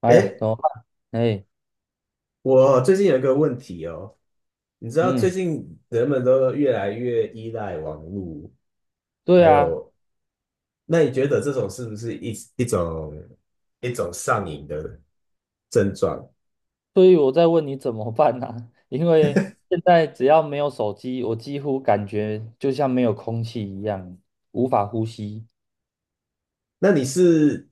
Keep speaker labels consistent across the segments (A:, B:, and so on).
A: 哎呀，
B: 诶，
A: 怎么办？哎，
B: 我最近有一个问题哦，你知道最
A: 嗯，
B: 近人们都越来越依赖网络，
A: 对
B: 还
A: 啊，
B: 有，那你觉得这种是不是一种上瘾的症状？
A: 所以我在问你怎么办呢。因为现在只要没有手机，我几乎感觉就像没有空气一样，无法呼吸。
B: 那你是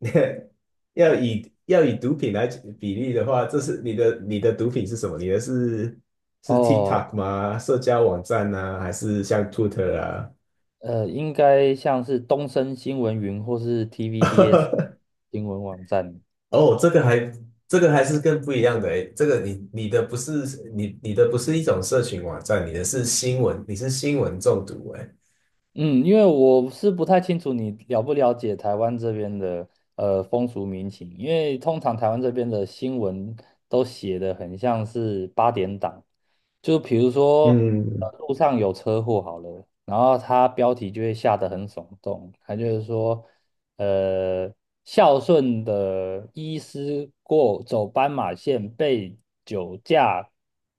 B: 要以毒品来比例的话，这是你的毒品是什么？你的是
A: 哦，
B: TikTok 吗？社交网站呢、还是像 Twitter 啊？
A: 应该像是东森新闻云或是 TVBS 新闻网站。
B: 哦，这个还是更不一样的诶，这个你的不是一种社群网站，你的是新闻，你是新闻中毒诶。
A: 嗯，因为我是不太清楚你了不了解台湾这边的风俗民情，因为通常台湾这边的新闻都写的很像是八点档，就比如说
B: 嗯，
A: 路上有车祸好了，然后它标题就会下得很耸动，它就是说。呃，孝顺的医师过走斑马线被酒驾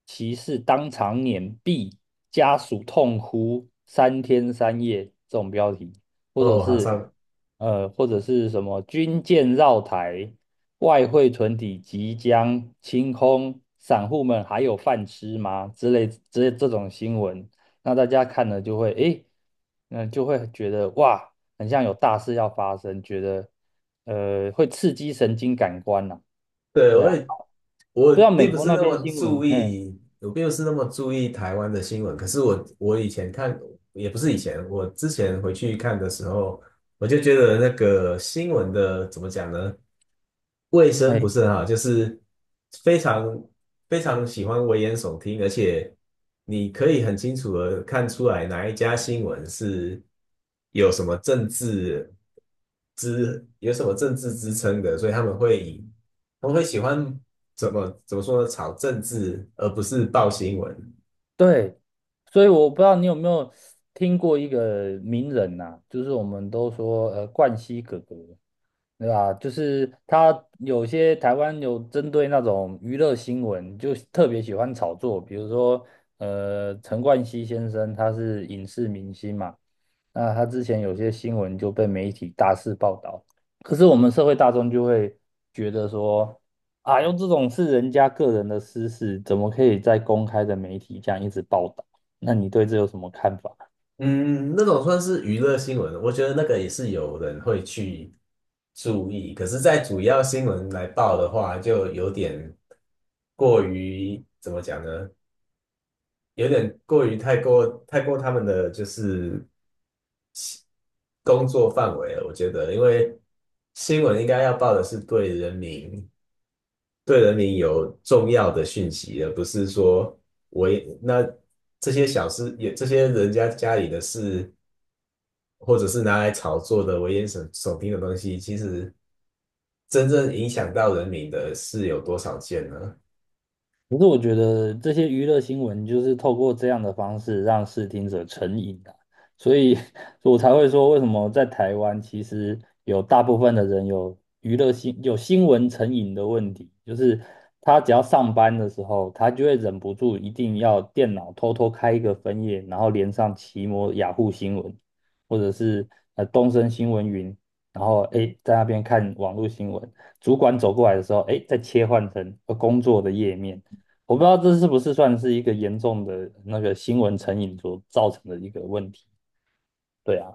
A: 骑士当场碾毙，家属痛哭三天三夜这种标题，或者
B: 哦，好
A: 是
B: 像
A: 或者是什么军舰绕台，外汇存底即将清空，散户们还有饭吃吗？之类之类这种新闻，那大家看了就会觉得哇。很像有大事要发生，觉得会刺激神经感官呐。
B: 对，
A: 对
B: 我
A: 啊，
B: 也我
A: 不知道美
B: 并不
A: 国
B: 是
A: 那
B: 那
A: 边
B: 么
A: 新闻，
B: 注
A: 嗯，
B: 意，我并不是那么注意台湾的新闻。可是我以前看，也不是以前，我之前回去看的时候，我就觉得那个新闻的怎么讲呢？卫生不
A: 哎，
B: 是很好，就是非常非常喜欢危言耸听，而且你可以很清楚的看出来哪一家新闻是有什么政治有什么政治支撑的，所以他们会以我会喜欢怎么说呢？炒政治，而不是报新闻。
A: 对，所以我不知道你有没有听过一个名人呐，就是我们都说冠希哥哥，对吧？就是他有些台湾有针对那种娱乐新闻，就特别喜欢炒作，比如说陈冠希先生他是影视明星嘛，那他之前有些新闻就被媒体大肆报道，可是我们社会大众就会觉得说。啊，用这种是人家个人的私事，怎么可以在公开的媒体这样一直报道？那你对这有什么看法？
B: 嗯，那种算是娱乐新闻，我觉得那个也是有人会去注意。可是，在主要新闻来报的话，就有点过于怎么讲呢？有点过于太过他们的就是工作范围了。我觉得，因为新闻应该要报的是对人民有重要的讯息而不是说我也那这些小事也这些人家家里的事，或者是拿来炒作的危言耸听的东西，其实真正影响到人民的是有多少件呢？
A: 可是我觉得这些娱乐新闻就是透过这样的方式让视听者成瘾的，所以 我才会说为什么在台湾其实有大部分的人有新闻成瘾的问题，就是他只要上班的时候，他就会忍不住一定要电脑偷偷开一个分页，然后连上奇摩、雅虎新闻，或者是东森新闻云，然后在那边看网络新闻，主管走过来的时候，再切换成工作的页面。我不知道这是不是算是一个严重的那个新闻成瘾所造成的一个问题。对啊，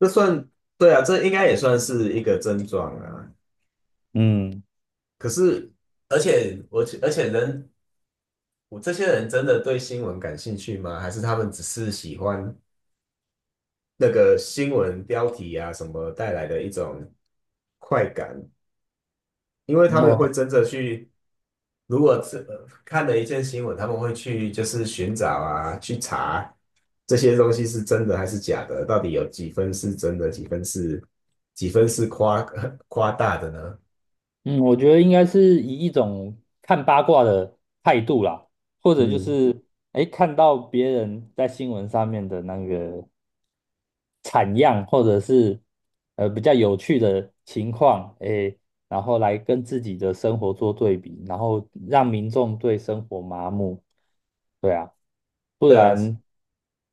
B: 这算，对啊，这应该也算是一个症状啊。
A: 嗯，
B: 可是，而且我而且人，我这些人真的对新闻感兴趣吗？还是他们只是喜欢？那个新闻标题啊什么带来的一种快感，因为
A: 然
B: 他们会
A: 后
B: 真的去，如果看了一件新闻，他们会去就是寻找啊，去查这些东西是真的还是假的，到底有几分是真的，几分是夸大的呢？
A: 嗯，我觉得应该是以一种看八卦的态度啦，或者就
B: 嗯，
A: 是哎看到别人在新闻上面的那个产样，或者是比较有趣的情况，诶，然后来跟自己的生活做对比，然后让民众对生活麻木，对啊，不
B: 对啊，
A: 然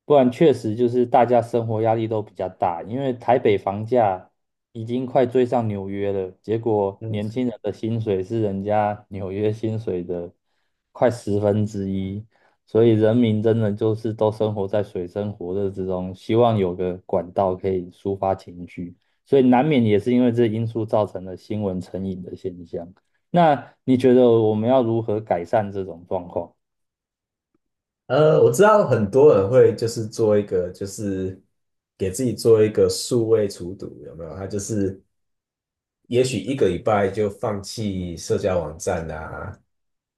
A: 确实就是大家生活压力都比较大，因为台北房价已经快追上纽约了，结果
B: 嗯，
A: 年轻人的薪水是人家纽约薪水的快十分之一，所以人民真的就是都生活在水深火热之中，希望有个管道可以抒发情绪，所以难免也是因为这因素造成了新闻成瘾的现象。那你觉得我们要如何改善这种状况
B: 我知道很多人会就是做一个，就是给自己做一个数位除毒，有没有？他就是也许一个礼拜就放弃社交网站啊，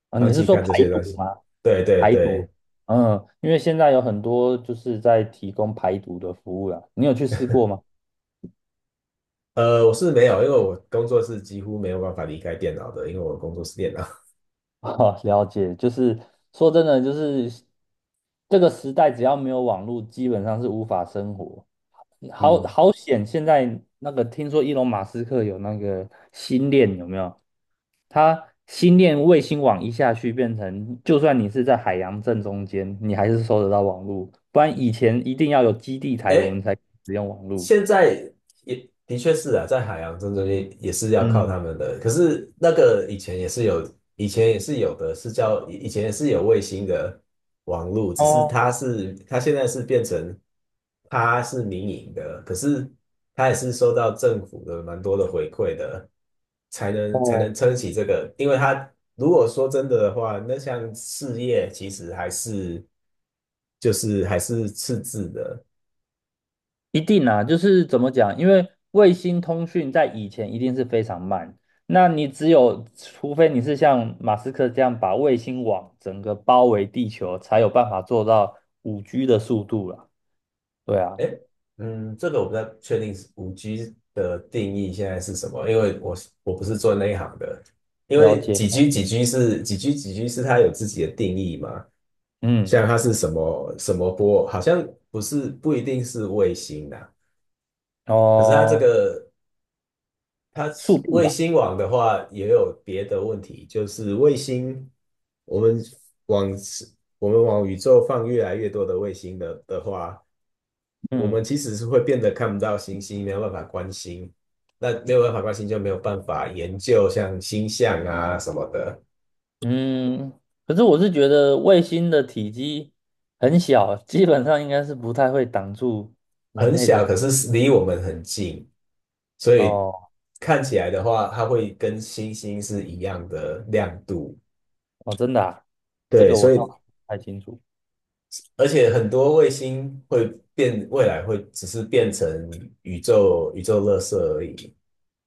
A: 啊？
B: 放
A: 你是
B: 弃
A: 说
B: 看
A: 排
B: 这些东
A: 毒
B: 西。
A: 吗？
B: 对对
A: 排
B: 对，
A: 毒，嗯，因为现在有很多就是在提供排毒的服务啦，你有去试过吗？
B: 我是没有，因为我工作是几乎没有办法离开电脑的，因为我工作是电脑。
A: 啊，了解，就是说真的，就是这个时代只要没有网络，基本上是无法生活。好
B: 嗯，
A: 好险！现在那个听说伊隆马斯克有那个星链，有没有？他星链卫星网一下去，变成就算你是在海洋正中间，你还是收得到网络。不然以前一定要有基地台，我们
B: 哎，
A: 才使用网络。
B: 现在也的确是啊，在海洋正中间也是要靠
A: 嗯，
B: 他们的。可是那个以前也是有，以前也是有的，是叫以以前也是有卫星的网路，只是
A: 哦
B: 它现在是变成它是民营的，可是它也是收到政府的蛮多的回馈的，才能才
A: 哦，
B: 能撑起这个。因为它如果说真的的话，那项事业其实就是还是赤字的。
A: 一定啊，就是怎么讲？因为卫星通讯在以前一定是非常慢，那你除非你是像马斯克这样把卫星网整个包围地球，才有办法做到5G 的速度啦。对啊，
B: 哎，嗯，这个我不太确定是五 g 的定义现在是什么，因为我不是做那一行的。因
A: 了
B: 为
A: 解
B: 几
A: 了
B: G 几
A: 解。
B: G 是几 G 几 G 是它有自己的定义嘛，
A: 嗯，
B: 像它是什么什么波，好像不一定是卫星的，可是它这
A: 哦，
B: 个它
A: 速度
B: 卫
A: 吧。
B: 星网的话，也有别的问题，就是卫星，我们往我们往宇宙放越来越多的卫星的话，我
A: 嗯
B: 们其实是会变得看不到星星，没有办法观星。那没有办法观星，就没有办法研究像星象啊什么的，
A: 嗯，可是我是觉得卫星的体积很小，基本上应该是不太会挡住人
B: 很
A: 类的。
B: 小，可是离我们很近，所以
A: 哦
B: 看起来的话，它会跟星星是一样的亮度。
A: 哦，真的啊，这
B: 对，
A: 个我
B: 所
A: 倒
B: 以
A: 是不太清楚。
B: 而且很多卫星会变，未来会只是变成宇宙垃圾而已。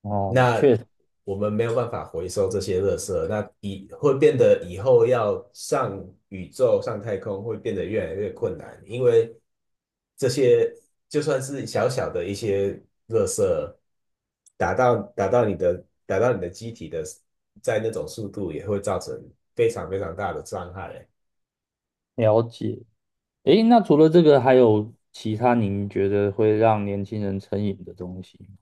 A: 哦，
B: 那
A: 确实
B: 我们没有办法回收这些垃圾，那以会变得以后要上宇宙、上太空会变得越来越困难，因为这些就算是小小的一些垃圾，打到你的机体的，在那种速度也会造成非常非常大的伤害。
A: 了解。诶，那除了这个，还有其他您觉得会让年轻人成瘾的东西吗？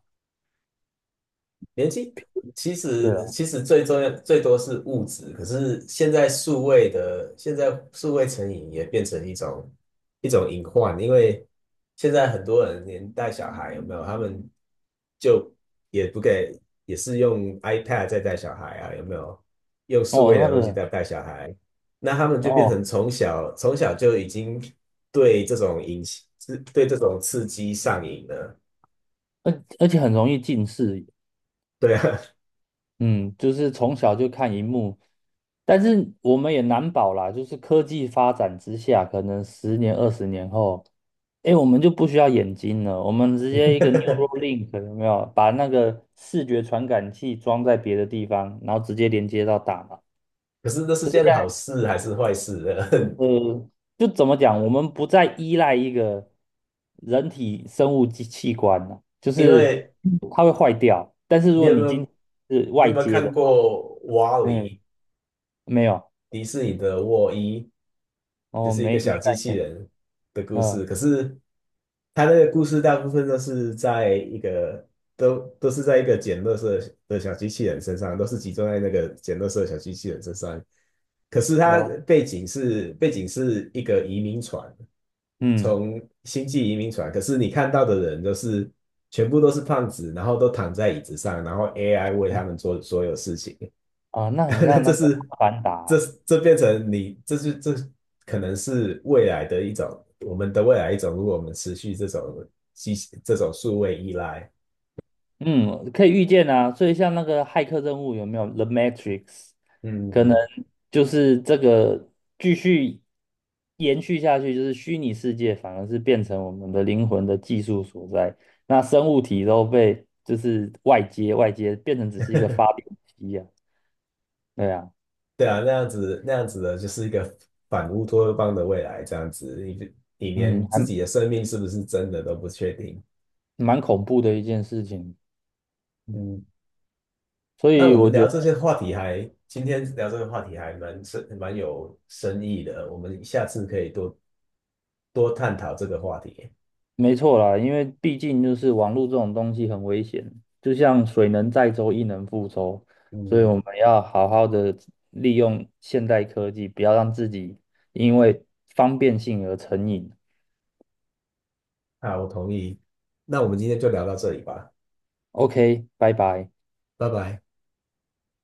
B: 年纪其
A: 对
B: 实
A: 啊，
B: 其实最重要最多是物质，可是现在数位成瘾也变成一种隐患，因为现在很多人连带小孩有没有，他们就也不给，也是用 iPad 在带小孩啊，有没有？用数
A: 哦，
B: 位
A: 那
B: 的东西
A: 个，
B: 在带小孩，那他们就变成
A: 哦，
B: 从小就已经对这种引是对这种刺激上瘾了。
A: 而且很容易近视眼
B: 对啊，
A: 嗯，就是从小就看荧幕，但是我们也难保啦，就是科技发展之下，可能十年、20年后，诶，我们就不需要眼睛了，我们直接一个 Neuralink 有没有，把那个视觉传感器装在别的地方，然后直接连接到大脑。
B: 可是这是件好事还是坏事呢？
A: 呃，就怎么讲，我们不再依赖一个人体生物器官了，就
B: 因
A: 是
B: 为
A: 它会坏掉。但是如
B: 你
A: 果
B: 有没
A: 你今
B: 有
A: 天是
B: 你
A: 外
B: 有没有
A: 接
B: 看
A: 的话，
B: 过《瓦
A: 哎，
B: 力》
A: 没有，
B: 迪士尼的《沃伊》，就
A: 哦，
B: 是一个
A: 没
B: 小
A: 没概
B: 机器
A: 念，
B: 人的故
A: 嗯，
B: 事。可是它那个故事大部分都是在一个捡垃圾的小机器人身上，都是集中在那个捡垃圾的小机器人身上。可是它
A: 了，
B: 背景是一个移民船，
A: 嗯
B: 从星际移民船，可是你看到的人全部都是胖子，然后都躺在椅子上，然后 AI 为他们做所有事情。
A: 啊，那 很
B: 那
A: 像
B: 这
A: 那个
B: 是
A: 《阿凡达》，
B: 这这变成你这是这可能是未来的一种我们的未来一种，如果我们持续机这种数位依赖，
A: 嗯，可以预见啊。所以像那个骇客任务有没有《The Matrix》？
B: 嗯
A: 可能
B: 嗯，
A: 就是这个继续延续下去，就是虚拟世界反而是变成我们的灵魂的技术所在。那生物体都被就是外接变成只是一个发电机啊，对啊，
B: 对啊，那样子的就是一个反乌托邦的未来，这样子你
A: 嗯，
B: 连自
A: 还
B: 己的生命是不是真的都不确定，
A: 蛮恐怖的一件事情。
B: 嗯。
A: 所
B: 那
A: 以
B: 我
A: 我
B: 们
A: 觉
B: 聊
A: 得。
B: 这些话题还，今天聊这个话题还蛮深，蛮有深意的。我们下次可以多多探讨这个话题。
A: 没错啦，因为毕竟就是网络这种东西很危险，就像水能载舟，亦能覆舟，所以我
B: 嗯，
A: 们要好好的利用现代科技，不要让自己因为方便性而成瘾。
B: 好，我同意。那我们今天就聊到这里吧，
A: OK，拜拜。
B: 拜拜。